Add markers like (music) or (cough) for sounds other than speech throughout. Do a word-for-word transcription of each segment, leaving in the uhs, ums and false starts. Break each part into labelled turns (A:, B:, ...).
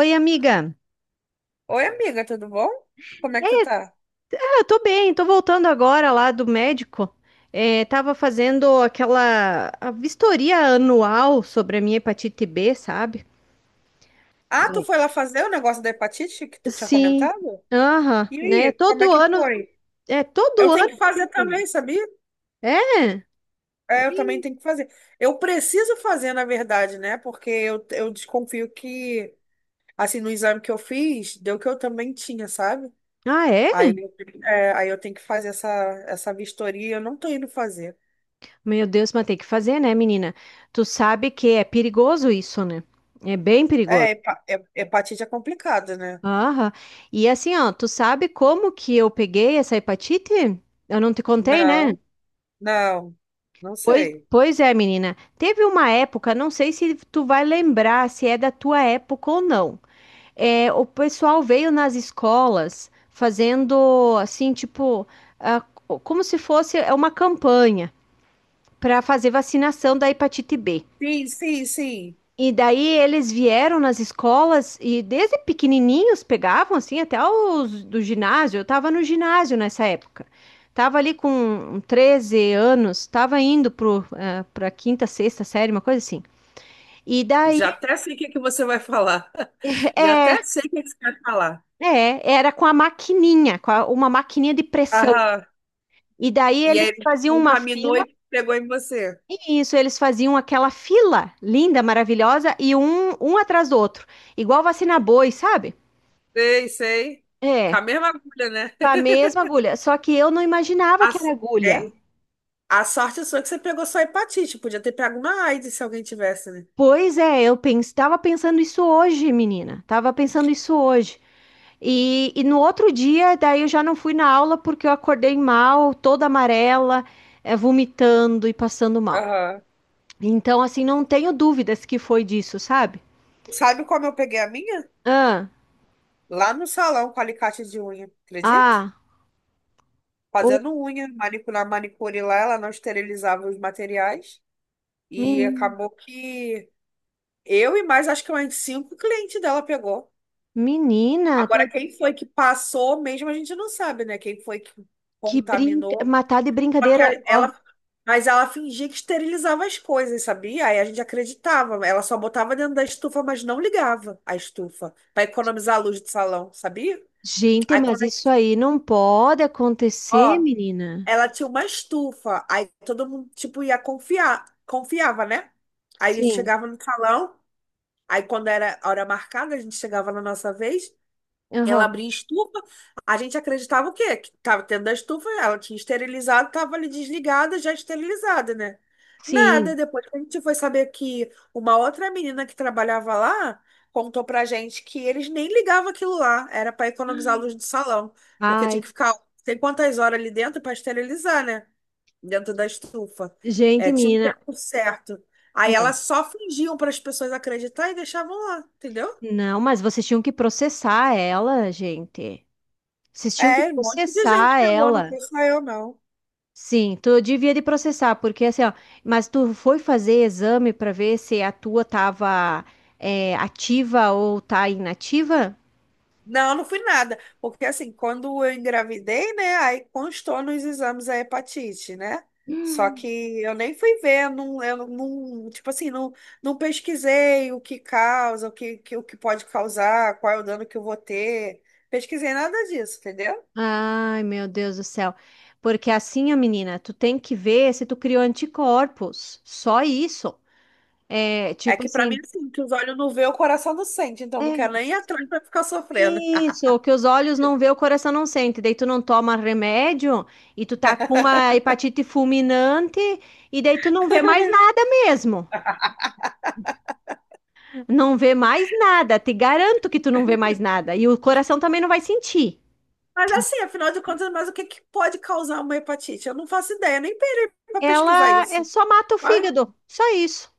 A: Oi, amiga.
B: Oi, amiga, tudo bom? Como é que tu tá?
A: Ah, eu tô bem, tô voltando agora lá do médico. É, tava fazendo aquela a vistoria anual sobre a minha hepatite B, sabe?
B: Ah, tu foi lá fazer o negócio da hepatite que tu tinha
A: Sim.
B: comentado?
A: Aham,
B: E
A: né?
B: aí, como é
A: Todo
B: que
A: ano,
B: foi?
A: é
B: Eu
A: todo
B: tenho que
A: ano tem
B: fazer
A: que fazer.
B: também, sabia?
A: É?
B: É, eu também tenho que fazer. Eu preciso fazer, na verdade, né? Porque eu, eu desconfio que, assim, no exame que eu fiz, deu que eu também tinha, sabe?
A: Ah, é?
B: Aí, eu- é, Aí eu tenho que fazer essa, essa vistoria, eu não tô indo fazer.
A: Meu Deus, mas tem que fazer, né, menina? Tu sabe que é perigoso isso, né? É bem
B: É,
A: perigoso.
B: hepa- he- hepatite é complicado, né?
A: Aham. E assim, ó, tu sabe como que eu peguei essa hepatite? Eu não te contei, né?
B: Não, não, não
A: Pois,
B: sei.
A: pois é, menina. Teve uma época, não sei se tu vai lembrar se é da tua época ou não. É, o pessoal veio nas escolas fazendo assim, tipo, ah, como se fosse é, uma campanha para fazer vacinação da hepatite B.
B: Sim, sim, sim.
A: E daí eles vieram nas escolas e desde pequenininhos pegavam assim até os do ginásio. Eu tava no ginásio nessa época. Tava ali com treze anos, tava indo pro, ah, pra quinta, sexta série, uma coisa assim. E daí,
B: Já até sei o que que você vai falar. (laughs) Já até
A: é,
B: sei o que que você vai falar.
A: é, era com a maquininha, com a- uma maquininha de pressão.
B: Aham.
A: E daí
B: E
A: eles
B: aí ele
A: faziam uma
B: contaminou
A: fila,
B: e pegou em você.
A: e isso, eles faziam aquela fila linda, maravilhosa, e um, um atrás do outro. Igual vacina boi, sabe?
B: Sei, sei. Com
A: É,
B: a mesma agulha, né?
A: com a
B: (laughs)
A: mesma agulha. Só que eu não imaginava
B: A,
A: que era
B: s- É?
A: agulha.
B: A sorte sua é que você pegou só hepatite. Podia ter pego uma AIDS se alguém tivesse, né?
A: Pois é, eu estava pensando isso hoje, menina. Tava pensando isso hoje. E, e no outro dia, daí eu já não fui na aula porque eu acordei mal, toda amarela, eh, vomitando e passando mal.
B: Aham.
A: Então, assim, não tenho dúvidas que foi disso, sabe?
B: Sabe como eu peguei a minha?
A: Ah,
B: Lá no salão com alicate de unha, acredita?
A: ah, ô,
B: Fazendo unha, manicu- na manicure lá, ela não esterilizava os materiais. E
A: men-
B: acabou que eu e mais, acho que mais cinco clientes dela pegou.
A: menina,
B: Agora,
A: tá-
B: quem foi que passou mesmo, a gente não sabe, né? Quem foi que
A: que brinca,
B: contaminou.
A: matar de
B: Só que
A: brincadeira.
B: a-
A: Ó,
B: ela, mas ela fingia que esterilizava as coisas, sabia? Aí a gente acreditava. Ela só botava dentro da estufa, mas não ligava a estufa, para economizar a luz do salão, sabia?
A: gente,
B: Aí
A: mas
B: quando, a-
A: isso aí não pode acontecer,
B: ó,
A: menina.
B: ela tinha uma estufa, aí todo mundo, tipo, ia confiar, confiava, né? Aí a gente
A: Sim,
B: chegava no salão, aí quando era a hora marcada, a gente chegava na nossa vez, ela
A: aham,
B: abria estufa. A gente acreditava o quê? Que tava dentro da estufa, ela tinha esterilizado, tava ali desligada, já esterilizada, né? Nada.
A: sim.
B: Depois que a gente foi saber que uma outra menina que trabalhava lá contou pra gente que eles nem ligavam aquilo lá, era para economizar a luz do salão, porque tinha
A: Ai,
B: que ficar não sei quantas horas ali dentro para esterilizar, né? Dentro da estufa. É,
A: gente,
B: tinha um
A: menina.
B: tempo certo. Aí
A: É.
B: elas só fingiam para as pessoas acreditar e deixavam lá, entendeu?
A: Não, mas vocês tinham que processar ela, gente. Vocês tinham que
B: É, um monte de gente
A: processar
B: pegou, não
A: ela.
B: fui só eu, não.
A: Sim, tu devia de processar, porque assim, ó, mas tu foi fazer exame para ver se a tua tava é, ativa ou tá inativa?
B: Não, não fui nada. Porque assim, quando eu engravidei, né? Aí constou nos exames a hepatite, né? Só que eu nem fui ver, não, eu não, não- tipo assim, não, não pesquisei o que causa, o que, que- o que pode causar, qual é o dano que eu vou ter. Pesquisei nada disso, entendeu?
A: Ai, meu Deus do céu. Porque assim, ó, menina, tu tem que ver se tu criou anticorpos. Só isso. É,
B: É
A: tipo
B: que pra mim,
A: assim,
B: assim, que os olhos não vê, o coração não sente, então não
A: é,
B: quero nem ir atrás
A: sim.
B: pra ficar sofrendo.
A: Isso, que os olhos não vê, o coração não sente. Daí tu não toma remédio e tu tá com uma hepatite fulminante e daí tu não vê mais nada mesmo.
B: (laughs)
A: Não vê mais nada. Te garanto que tu não vê mais nada. E o coração também não vai sentir.
B: Mas assim, afinal de contas, mas o que que pode causar uma hepatite? Eu não faço ideia, nem parei para pesquisar
A: Ela é
B: isso.
A: só mata o
B: Ai,
A: fígado, só isso.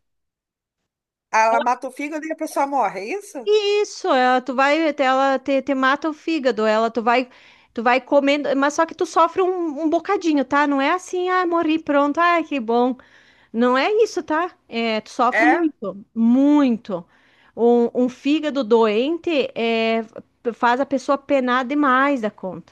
B: ela mata o fígado e a pessoa morre, é isso?
A: Isso, ela, tu vai, ela te, te mata o fígado, ela tu vai, tu vai comendo, mas só que tu sofre um, um bocadinho, tá? Não é assim, ah, morri, pronto, ah, que bom. Não é isso, tá? É, tu sofre
B: É?
A: muito, muito. Um, um fígado doente é, faz a pessoa penar demais da conta.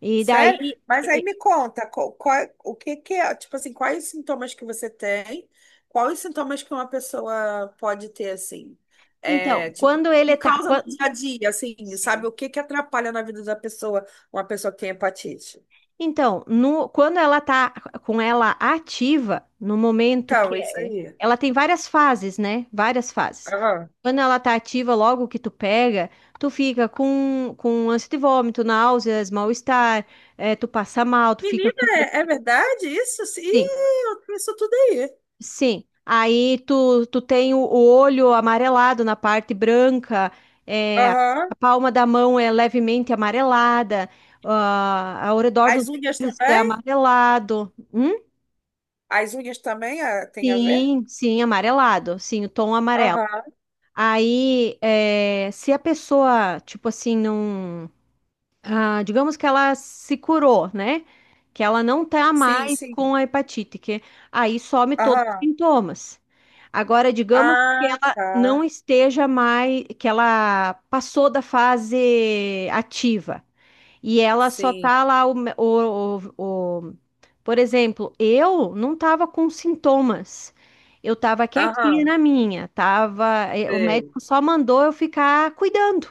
A: E
B: Sério?
A: daí,
B: Mas aí
A: e-
B: me conta, co- qual- o que que é, tipo assim, quais os sintomas que você tem? Quais os sintomas que uma pessoa pode ter, assim? É,
A: então,
B: tipo,
A: quando ele
B: que
A: tá,
B: causa no
A: quan-
B: dia a dia, assim, sabe?
A: Sim.
B: O que que atrapalha na vida da pessoa, uma pessoa que tem hepatite?
A: Então, no, quando ela tá com ela ativa, no momento que
B: Então, é isso
A: é,
B: aí.
A: ela tem várias fases, né? Várias fases.
B: Aham.
A: Quando ela tá ativa, logo que tu pega, tu fica com, com ânsia de vômito, náuseas, mal-estar, eh, tu passa mal, tu fica
B: Menina,
A: com.
B: é é verdade isso? Sim,
A: Sim,
B: eu tenho isso tudo aí.
A: sim. Aí tu, tu tem o o olho amarelado na parte branca, é, a
B: Aham.
A: palma da mão é levemente amarelada, ah, ao redor dos
B: As unhas
A: olhos é
B: também?
A: amarelado. Hum?
B: As unhas também ah, tem a ver?
A: Sim, sim, amarelado, sim, o tom amarelo.
B: Aham.
A: Aí, é, se a pessoa, tipo assim, não. Ah, digamos que ela se curou, né? Que ela não tá
B: Sim,
A: mais
B: sim.
A: com a hepatite, que aí some todos os
B: Aham.
A: sintomas. Agora, digamos que
B: Ah,
A: ela
B: tá.
A: não esteja mais, que ela passou da fase ativa e ela só
B: Sim.
A: tá lá o, o, o, por exemplo, eu não estava com sintomas. Eu estava quietinha
B: Aham.
A: na minha, tava, eh, o
B: Sei.
A: médico só mandou eu ficar cuidando,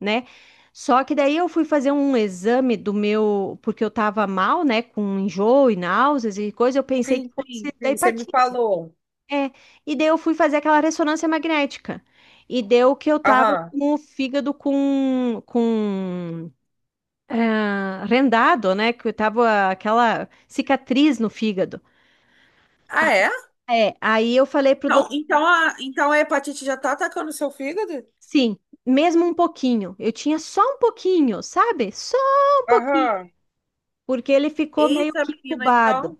A: né? Só que daí eu fui fazer um exame do meu, porque eu estava mal, né, com enjoo e náuseas e coisa, eu pensei que
B: Sim,
A: fosse
B: sim,
A: da
B: sim. Você me
A: hepatite.
B: falou.
A: É. E daí eu fui fazer aquela ressonância magnética. E deu que eu tava
B: Aham.
A: com o fígado com, com ah, rendado, né? Que eu tava aquela cicatriz no fígado.
B: Ah, é?
A: É, aí eu falei pro
B: Então,
A: doutor,
B: então, a, então a hepatite já tá atacando o seu fígado?
A: sim, mesmo um pouquinho. Eu tinha só um pouquinho, sabe? Só um pouquinho,
B: Aham.
A: porque ele ficou meio
B: Eita,
A: que
B: menina,
A: incubado.
B: então.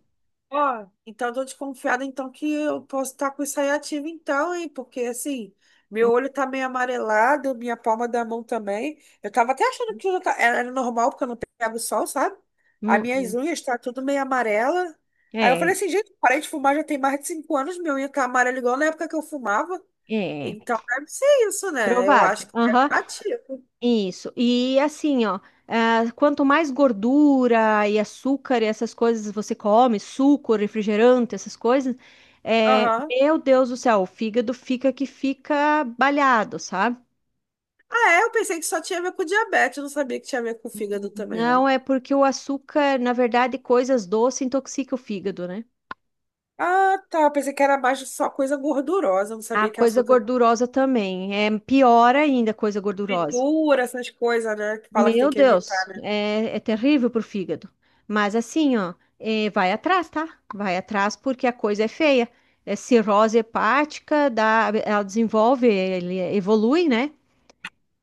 B: Ó, então tô desconfiada então que eu posso estar com isso aí ativo então, hein? Porque assim,
A: Hum,
B: meu olho tá meio amarelado, minha palma da mão também. Eu tava até achando que eu ta- era era normal, porque eu não pego sol, sabe? As
A: hum,
B: minhas
A: hum.
B: unhas tá tudo meio amarela. Aí eu
A: É,
B: falei assim, gente, parei de fumar já tem mais de cinco anos, minha unha tá amarela igual na época que eu fumava.
A: é,
B: Então deve ser isso, né? Eu acho
A: provável.
B: que deve
A: Aham,
B: estar ativo.
A: isso. E assim, ó, ah, quanto mais gordura e açúcar e essas coisas você come, suco, refrigerante, essas coisas, é,
B: Aham.
A: meu Deus do céu, o fígado fica que fica balhado, sabe?
B: Ah, é, eu pensei que só tinha a ver com diabetes, eu não sabia que tinha a ver com fígado também, né?
A: Não, é porque o açúcar, na verdade, coisas doces intoxica o fígado, né?
B: Ah, tá. Pensei que era mais só coisa gordurosa. Não
A: A
B: sabia que
A: coisa
B: açúcar
A: gordurosa também. É pior ainda a coisa gordurosa.
B: fritura, essas coisas, né? Que fala que tem
A: Meu
B: que
A: Deus,
B: evitar, né?
A: é, é terrível pro fígado. Mas assim, ó, é, vai atrás, tá? Vai atrás porque a coisa é feia. É cirrose hepática, dá, ela desenvolve, ele evolui, né?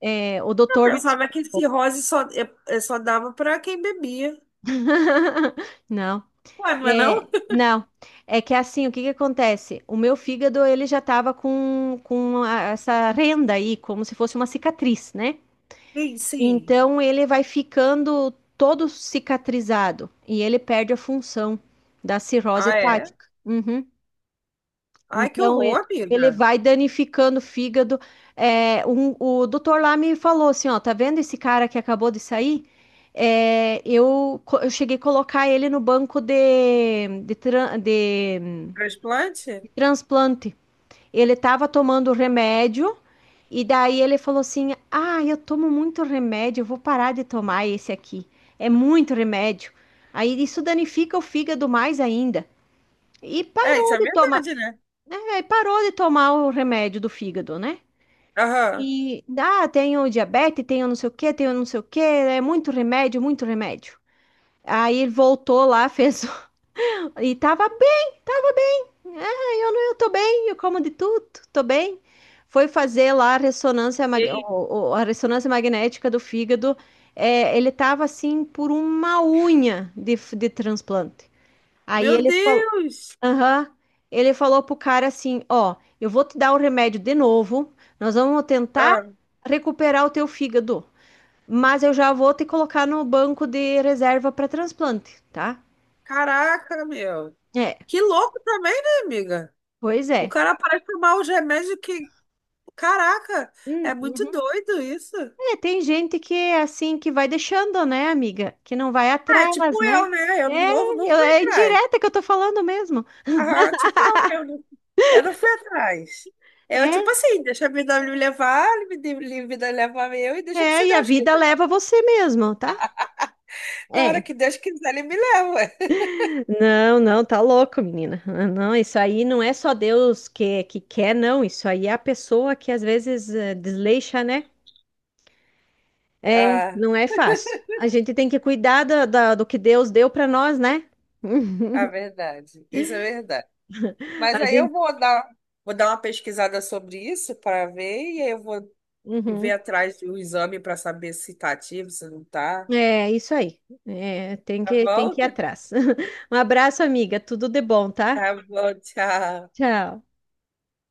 A: É, o
B: Eu
A: doutor.
B: pensava que cirrose só, é- é só dava pra quem bebia.
A: (laughs) Não.
B: Ué, não é não?
A: É,
B: (laughs)
A: não, é que assim, o que que acontece? O meu fígado, ele já estava com, com a- essa renda aí, como se fosse uma cicatriz, né?
B: Sim, sim.
A: Então, ele vai ficando todo cicatrizado e ele perde a função da cirrose
B: Ah, é?
A: hepática. Uhum.
B: Ai, que
A: Então, e-
B: horror,
A: ele
B: amiga.
A: vai danificando o fígado. É, um- o doutor lá me falou assim, ó, tá vendo esse cara que acabou de sair? É, eu, co- eu cheguei a colocar ele no banco de, de, tran- de
B: Transplante?
A: transplante. Ele estava tomando remédio e daí ele falou assim: Ah, eu tomo muito remédio, eu vou parar de tomar esse aqui. É muito remédio. Aí isso danifica o fígado mais ainda. E
B: É, isso
A: parou
B: é
A: de tomar,
B: verdade, né?
A: né? Parou de tomar o remédio do fígado, né?
B: Aham.
A: E ah, tenho diabetes, tenho não sei o que, tenho não sei o que, é muito remédio, muito remédio. Aí ele voltou lá, fez (laughs) e tava bem, tava. Ah, eu não, eu tô bem, eu como de tudo, tô bem. Foi fazer lá a ressonância,
B: E
A: mag-
B: aí?
A: o- o- a ressonância magnética do fígado. É, ele tava assim por uma unha de, f- de transplante. Aí
B: Meu
A: ele falou,
B: Deus!
A: aham, ele falou pro cara assim, ó, eu vou te dar o remédio de novo, nós vamos tentar
B: Ah,
A: recuperar o teu fígado, mas eu já vou te colocar no banco de reserva para transplante, tá?
B: caraca, meu.
A: É,
B: Que louco também, né, amiga?
A: pois
B: O
A: é.
B: cara parece tomar os remédios que. Caraca,
A: Hum.
B: é muito doido isso.
A: É, tem gente que é assim que vai deixando, né, amiga? Que não vai
B: Ah,
A: atrás,
B: tipo
A: né?
B: eu, né? Eu não
A: É,
B: vou, não
A: eu-
B: fui
A: é
B: atrás.
A: indireta que eu tô falando mesmo.
B: Aham, tipo eu mesmo. Eu não fui atrás. Eu,
A: É,
B: tipo assim, deixa a vida me levar, me de- ele- vida levar eu e deixa que se
A: é, e a
B: Deus
A: vida
B: quiser.
A: leva você mesmo, tá?
B: Na hora
A: É.
B: que Deus quiser, ele me leva. (laughs)
A: Não, não, tá louco, menina. Ah, não, isso aí não é só Deus que, que quer, não. Isso aí é a pessoa que às vezes eh, desleixa, né?
B: Ah,
A: Não é fácil. A gente tem que cuidar da- da- do que Deus deu pra nós, né? (laughs)
B: a verdade. Isso é verdade. Mas
A: A
B: aí eu
A: gente.
B: vou dar, vou dar uma pesquisada sobre isso para ver, e aí eu vou
A: Uhum.
B: ver atrás do exame para saber se tá ativo, se não tá.
A: É isso aí. É, tem
B: Tá
A: que, tem
B: bom?
A: que ir
B: (laughs)
A: atrás. (laughs) Um abraço, amiga. Tudo de bom, tá?
B: Tá bom, tchau.
A: Tchau.